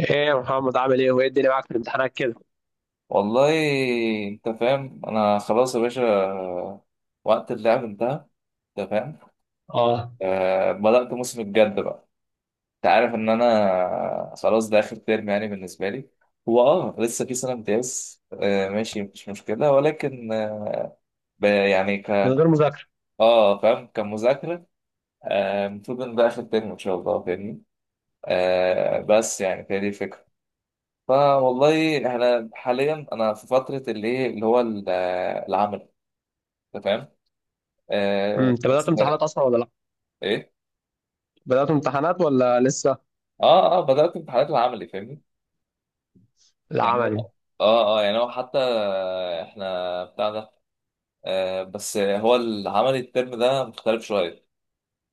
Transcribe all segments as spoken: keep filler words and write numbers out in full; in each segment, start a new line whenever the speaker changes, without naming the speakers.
ايه يا محمد؟ عامل ايه وايه الدنيا معاك في الامتحانات كده؟
والله، انت فاهم، انا خلاص يا باشا. وقت اللعب انتهى. انت فاهم؟
اه،
أه بدأت موسم الجد بقى. انت عارف ان انا خلاص، ده اخر ترم يعني بالنسبة لي. هو اه لسه في سنة امتياز. أه ماشي، مش مشكلة، ولكن آه، ب- يعني
من
ك
غير مذاكره؟
اه فاهم، كمذاكرة. آه، المفروض ان ده اخر ترم ان شاء الله، فاهمني؟ أه بس يعني فهي دي الفكرة. فوالله احنا حاليا انا في فترة اللي إيه، اللي هو ال- العمل، انت فاهم.
امم،
آه
انت بدات
بس مر-
امتحانات اصلا ولا لا؟
ايه،
بدات امتحانات ولا لسه؟
اه اه بدأت امتحانات العملي، فاهمني؟ يعني
العملي؟
هو، اه اه يعني هو حتى احنا بتاع ده، آه بس هو العملي الترم ده مختلف شوية.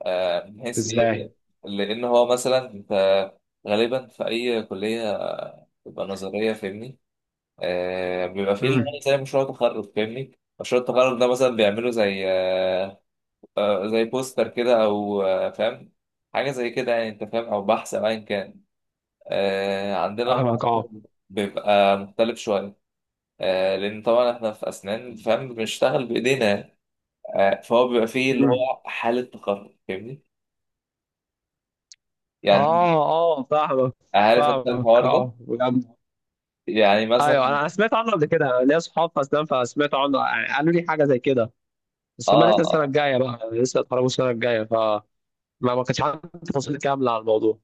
آه، من حيث ايه؟
ازاي؟
لان هو مثلا انت غالبا في اي كلية بتبقى نظرية، فاهمني؟ آه، بيبقى فيه اللي
امم.
هو زي مشروع تخرج، فاهمني؟ مشروع التخرج ده مثلا بيعملوا زي آه آه زي بوستر كده، او آه فاهم، حاجة زي كده يعني، انت فاهم، او بحث، او ايا كان. آه، عندنا
فاهمك اه.
الموضوع بيبقى مختلف شوية. آه، لأن طبعا إحنا في أسنان، فاهم، بنشتغل بإيدينا. آه، فهو بيبقى فيه اللي
امم.
هو حالة تقرب، فاهمني؟ يعني،
اه اه فاهمك.
عارف أنت
فاهمك
الحوار ده.
اه بجد.
يعني
ايوه،
مثلا،
انا أنا سمعت عنه قبل كده، أنا ليا اصحاب في اسنان فسمعت عنه، يعني قالوا لي حاجه زي كده. بس هم
آه
لسه السنه
آه
الجايه بقى، لسه اتخرجوا السنه الجايه، فما ما كانش عندي تفاصيل كامله عن الموضوع.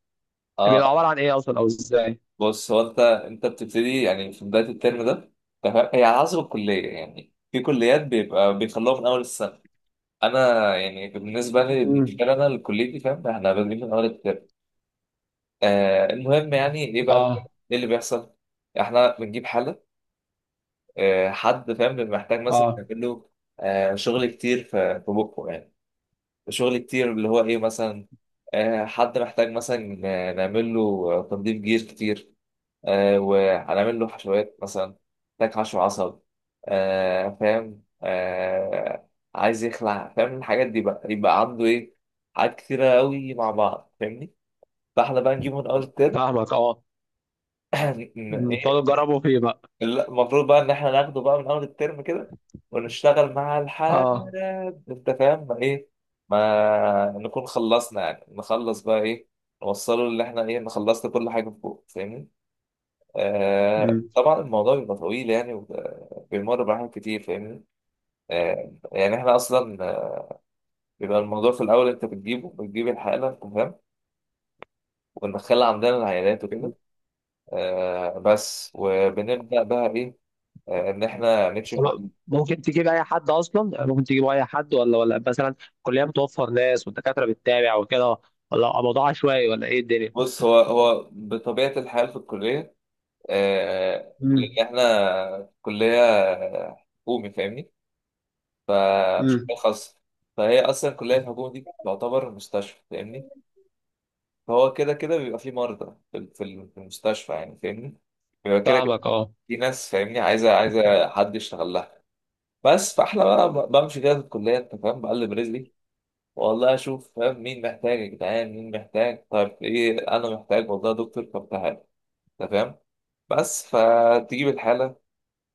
آه،
بيبقى عباره عن ايه اصلا او ازاي؟
بص، هو أنت أنت بتبتدي يعني في بداية الترم ده. تمام، هي على حسب الكلية، يعني في كليات بيبقى بيخلوها من أول السنة. أنا يعني بالنسبة لي
امم.
بالنسبة لي أنا الكلية دي، فاهم، إحنا بادئين من أول الترم. آه، المهم يعني ايه بقى؟
اه
ايه اللي بيحصل؟ احنا بنجيب حالة. آه، حد، فاهم، بيبقى محتاج مثلا
اه
نعمل له آه، شغل كتير في في بقه يعني. شغل كتير، اللي هو ايه مثلا؟ آه، حد محتاج مثلا آه، نعمل له آه، تنظيف جير كتير، آه، وهنعمل له حشوات مثلا، محتاج حشو عصب، آه فاهم آه. عايز يخلع، فاهم، الحاجات دي بقى يبقى عنده ايه؟ حاجات كتيرة قوي مع بعض، فاهمني؟ فاحنا بقى نجيبه من اول الترم.
فاهمك. اه مم. تقعدوا
ايه،
تجربوا فيه بقى.
المفروض بقى ان احنا ناخده بقى من اول الترم كده، ونشتغل مع الحاجة،
اه
انت فاهم؟ ما ايه، ما نكون خلصنا، يعني نخلص بقى ايه، نوصله اللي احنا ايه، إن خلصت كل حاجة فوق، فاهمني؟ آه،
مم.
طبعا الموضوع بيبقى طويل يعني، وبيمر بحاجات كتير، فاهمني؟ آه، يعني احنا اصلا آه، بيبقى الموضوع في الاول، انت بتجيبه، بتجيب الحالة، انت فاهم؟ وندخلها عندنا العيادات وكده. آه، بس وبنبدأ بقى ايه؟ آه، ان احنا نكشف.
طب ممكن تجيب اي حد اصلا؟ يعني ممكن تجيب اي حد ولا ولا مثلا الكليه بتوفر ناس والدكاتره بتتابع وكده؟ ولا موضوع عشوائي ولا ايه الدنيا؟
بص، هو هو بطبيعة الحال في الكلية، آه،
امم.
لأن إحنا كلية حكومي، فاهمني؟ فمش
امم.
كلية خاصة. فهي أصلا الكلية الحكومي دي تعتبر مستشفى، فاهمني؟ فهو كده كده بيبقى فيه مرضى في ال- في ال- في المستشفى يعني، فاهمني؟ بيبقى كده كده
فاهمك اه.
في ناس، فاهمني، عايزة عايزة حد يشتغل لها. بس فإحنا بقى ب- بمشي كده في الكلية، أنت فاهم، بقلب رجلي، والله أشوف، فاهم، مين محتاج؟ يا جدعان، مين محتاج؟ طيب إيه، أنا محتاج والله يا دكتور، طب تعالى، انت فاهم. بس فتجيب الحاله،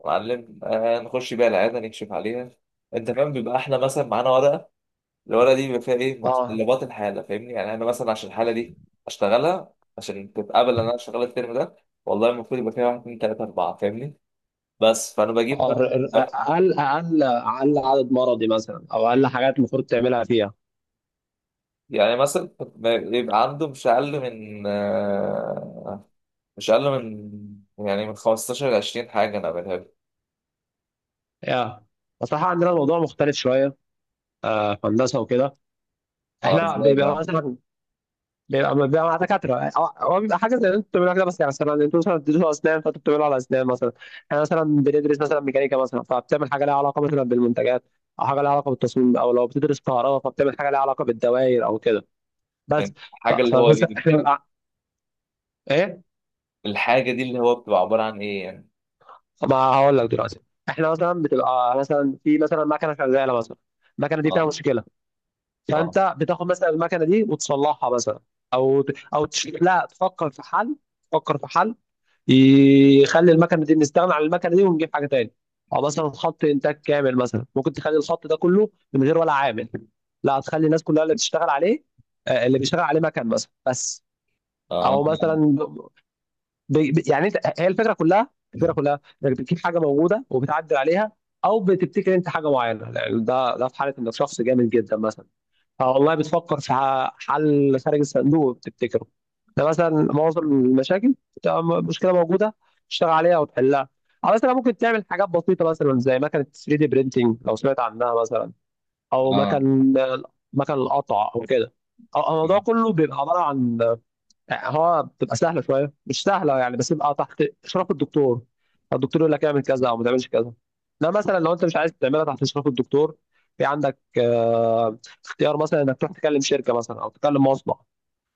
معلم، آه، نخش بيها العياده، نكشف عليها، انت فاهم. بيبقى احنا مثلا معانا ورقه، الورقه دي بيبقى فيها ايه؟
اه
متطلبات الحاله، فاهمني؟ يعني انا مثلا عشان الحاله دي اشتغلها، عشان تتقبل ان انا اشتغل الترم ده، والله المفروض يبقى فيها واحد اتنين تلاته اربعه، فاهمني؟ بس فانا بجيب
اه ر- ر-
بقى-
اقل اقل اقل عدد مرضي مثلا او اقل حاجات المفروض تعملها فيها؟
يعني مثلا ما يبقى عنده مش اقل من آه، مش اقل من يعني من خمستاشر ل عشرين حاجه انا بعملها له.
يا بصراحه عندنا الموضوع مختلف شويه، آه، في هندسه وكده.
اه،
احنا
ازاي
بيبقى
بقى؟
مثلا، بيبقى بيبقى مع دكاترة أو- هو بيبقى حاجة زي اللي انتوا بتعملوها كده. بس يعني مثلا انتوا مثلا بتدرسوا أسنان، فانتوا بتعملوا على أسنان مثلا. احنا مثلا بندرس مثلا ميكانيكا مثلا، فبتعمل حاجة لها علاقة مثلا بالمنتجات، أو حاجة لها علاقة بالتصميم، أو لو بتدرس كهرباء فبتعمل حاجة لها علاقة بالدوائر أو كده. بس
يعني،
ف-
حاجه اللي هو
فبس
ايه؟
احنا بنبقى إيه؟
الحاجة دي اللي هو بتبقى عبارة عن ايه يعني؟
ما هقول لك دلوقتي. احنا مثلا بتبقى مثلا في مثلا مكنة شغالة مثلا، المكنة دي فيها
اه
مشكلة.
اه
فأنت بتاخد مثلا المكنة دي وتصلحها مثلا، أو ت- أو تش... لا، تفكر في حل. تفكر في حل يخلي المكنه دي، نستغنى عن المكنه دي ونجيب حاجه تاني. او مثلا خط انتاج كامل مثلا ممكن تخلي الخط ده كله من غير ولا عامل. لا، هتخلي الناس كلها اللي بتشتغل عليه، آه، اللي بيشتغل عليه مكن مثلا بس.
اه
او مثلا ب... ب... يعني انت، هي الفكره كلها، الفكره كلها انك بتجيب حاجه موجوده وبتعدل عليها، او بتبتكر انت حاجه معينه. يعني ده ده في حاله انك شخص جامد جدا مثلا، اه والله، بتفكر في ح- حل خارج الصندوق بتبتكره. ده مثلا معظم المشاكل بتبقى م- مشكله موجوده تشتغل عليها وتحلها. او مثلا ممكن تعمل حاجات بسيطه مثلا زي مكنه ثري دي برينتنج لو سمعت عنها مثلا، او
اه
مكن، مكن القطع او كده. أو- الموضوع كله بيبقى عباره عن، هو بتبقى سهله شويه، مش سهله يعني، بس يبقى تحت اشراف الدكتور. الدكتور يقول لك اعمل كذا او ما تعملش كذا. ده مثلا لو انت مش عايز تعملها تحت اشراف الدكتور، في عندك آه، اختيار مثلا انك تروح تكلم شركه مثلا او تكلم مصنع،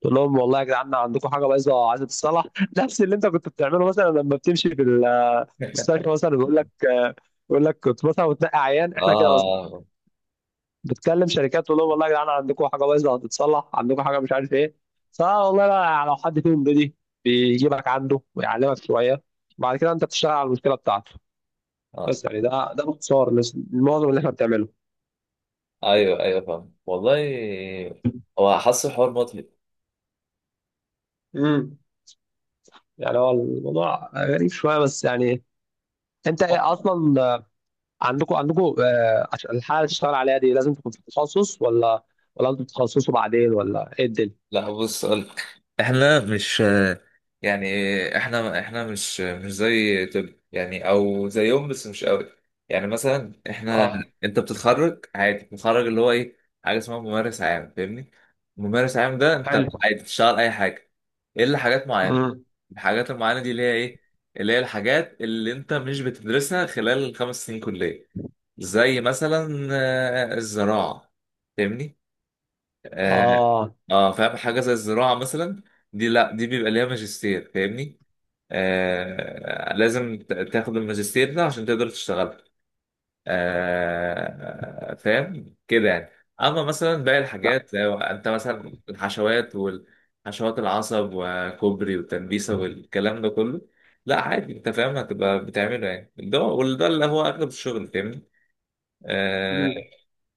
تقول لهم والله يا جدعان عندكم حاجه بايظه عايزه تتصلح. نفس اللي انت كنت بتعمله مثلا لما بتمشي في المستشفى مثلا، بيقول لك آه، يقول لك كنت مثلا وتنقي عيان
اه
احنا كده.
اه
بتكلم شركات تقول لهم والله يا جدعان عندكم حاجه بايظه هتتصلح، عندكم حاجه مش عارف ايه. فوالله بقى يعني لو حد فيهم بيجي، بيجيبك عنده ويعلمك شويه، وبعد كده انت بتشتغل على المشكله بتاعته.
آه.
بس يعني ده ده باختصار نس- معظم اللي احنا بنعمله.
ايوه ايوه، فاهم والله. هو حاسس الحوار مطلب.
امم. يعني هو الموضوع غريب شويه بس يعني، انت ايه اصلا، آه، عندكم، عندكم آه، عشان الحاله اللي تشتغل عليها دي لازم تكون في تخصص، ولا ولا انتوا بتتخصصوا بعدين ولا ايه الدنيا؟
لا بص أقولك، احنا مش يعني احنا احنا مش مش زي طب يعني، او زيهم بس مش قوي. يعني مثلا احنا،
اه.
انت بتتخرج عادي، بتتخرج اللي هو ايه، حاجه اسمها ممارس عام، فاهمني؟ ممارس عام ده انت
حلو.
عادي بتشتغل اي حاجه، الا حاجات معينه.
امم.
الحاجات المعينه دي اللي هي ايه؟ اللي هي الحاجات اللي انت مش بتدرسها خلال الخمس سنين كليه. زي مثلا آه، الزراعه، فاهمني. اه،
اه.
آه، فاهم، حاجه زي الزراعه مثلا، دي لا دي بيبقى ليها ماجستير، فاهمني؟ آه، لازم ت- تاخد الماجستير ده عشان تقدر تشتغل، آه، فاهم كده يعني. اما مثلا باقي
لا.
الحاجات، لو انت مثلا الحشوات والحشوات العصب وكوبري والتنبيسه والكلام ده كله، لا عادي، انت فاهم، هتبقى بتعمله يعني. ده وده اللي هو اغلب الشغل، فاهمني. آه،
امم.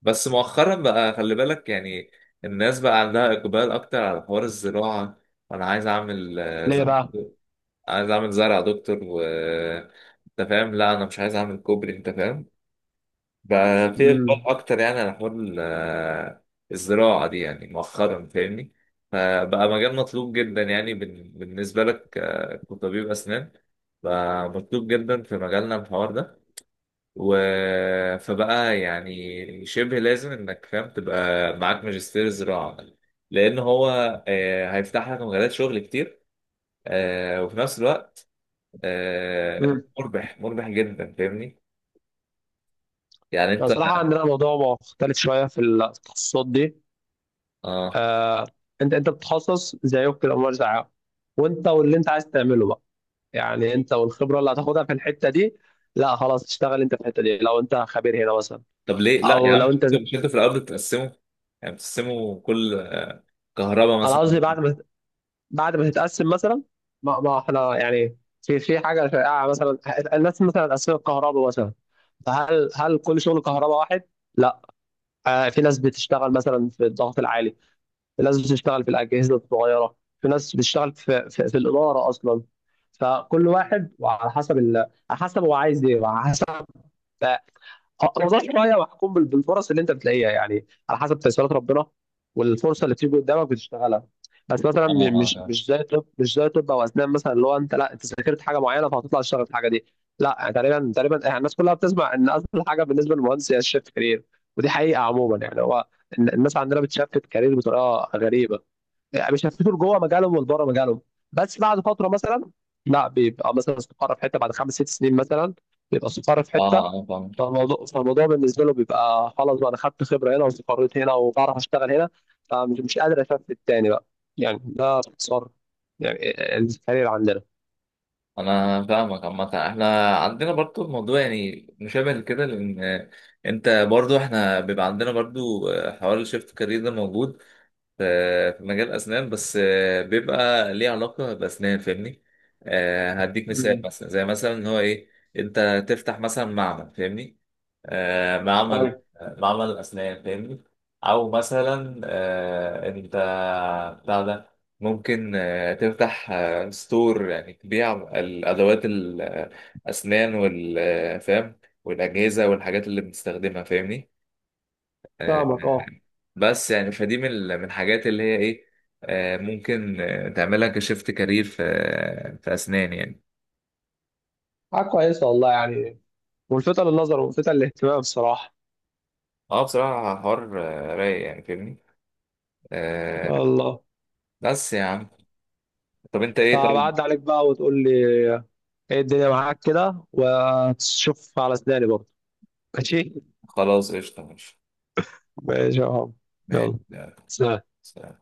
بس مؤخرا بقى خلي بالك، يعني الناس بقى عندها إقبال أكتر على حوار الزراعة. أنا عايز أعمل آه، ز-
ليه بقى؟
عايز أعمل زرع يا دكتور، و أنت فاهم، لا أنا مش عايز أعمل كوبري، أنت فاهم. بقى في
امم.
إقبال أكتر يعني على حوار ال- آه، الزراعة دي يعني مؤخرا، فاهمني. فبقى مجال مطلوب جدا يعني بال- بالنسبة لك آه، كطبيب أسنان. بقى مطلوب جدا في مجالنا الحوار ده. و... فبقى يعني شبه لازم انك، فاهم، تبقى معاك ماجستير زراعة، لان هو آه، هيفتح لك مجالات شغل كتير. آه، وفي نفس الوقت آه،
امم.
مربح مربح جدا، فاهمني؟ يعني انت.
بصراحه عندنا موضوع مختلف شويه في التخصصات دي،
اه،
آه. انت، انت بتتخصص زي كده امور زيها، وانت واللي انت عايز تعمله بقى. يعني انت والخبره اللي هتاخدها في الحته دي، لا خلاص تشتغل انت في الحته دي لو انت خبير هنا مثلا،
طب ليه لا يا
او
عم؟
لو
مش
انت،
انت مش انت في الاول بتقسمه؟ يعني بتقسمه كل، كهرباء
انا
مثلا.
قصدي بعد ما، بعد ما تتقسم مثلا. ما, ما احنا يعني في في حاجه شائعه مثلا، الناس مثلا اتقسمت كهرباء مثلا، فهل هل كل شغل كهرباء واحد؟ لا. آه، في ناس بتشتغل مثلا في الضغط العالي، في ناس بتشتغل في الأجهزة الصغيرة، في ناس بتشتغل في, في, في الإدارة أصلا. فكل واحد وعلى حسب ال... على حسب هو عايز إيه، وعلى حسب آه، نظرت شوية، وأحكم بال- بالفرص اللي أنت بتلاقيها، يعني على حسب تيسيرات ربنا والفرصة اللي بتيجي قدامك بتشتغلها. بس مثلا
اه
م- مش
اه
مش زي طب، مش زي طب أو أسنان مثلا، اللي هو أنت لا أنت ذاكرت حاجة معينة فهتطلع تشتغل في الحاجة دي. لا يعني تقريبا، تقريبا يعني الناس كلها بتسمع إن أسهل حاجة بالنسبة للمهندس هي الشيفت كارير. ودي حقيقة عموما يعني هو، الن- الناس عندنا بتشفت كارير بطريقة غريبة، يعني بيشفطوا لجوه مجالهم ولبره مجالهم. بس بعد فتره مثلا، لا بيبقى مثلا استقر في حته بعد خمس ست سنين مثلا، بيبقى استقر في
اه
حته.
آه، فاهم.
فالموضوع فالموضوع بالنسبه له بيبقى خلاص بقى انا خدت خبره هنا واستقريت هنا وبعرف اشتغل هنا، فمش مش قادر اشفت تاني بقى. يعني ده باختصار يعني الكارير عندنا.
انا فاهمك. عامه احنا عندنا برضو الموضوع يعني مشابه كده، لان انت برضو، احنا بيبقى عندنا برضو حوار الشيفت كارير ده موجود. ف- في مجال أسنان، بس آه، بيبقى ليه علاقة بأسنان، فاهمني. آه، هديك مثال،
امم.
مثلا زي مثلا إن هو إيه، أنت تفتح مثلا معمل، فاهمني، آه، معمل
أيوة.
آه، معمل أسنان، فاهمني. أو مثلا آه، أنت بتاع ده، ممكن آه، تفتح آه، ستور، يعني تبيع الأدوات الأسنان والفهم والأجهزة والحاجات اللي بنستخدمها، فاهمني. آه،
فاهمك اه.
بس يعني فدي من ال- من الحاجات اللي هي ايه، آه، ممكن آه، تعملها كشيفت كارير في في اسنان يعني.
حاجه كويسه والله يعني، ملفته للنظر وملفته للاهتمام بصراحه.
اه، بصراحة حوار آه، رايق يعني، فاهمني. آه،
والله،
بس يا عم، طب انت ايه طيب؟
فبعد عليك بقى وتقول لي ايه الدنيا معاك كده، وتشوف على سناني برضه. ماشي.
خلاص قشطة، ماشي.
ماشي يا عم.
ماشي.
يلا،
يلا،
سلام.
سلام.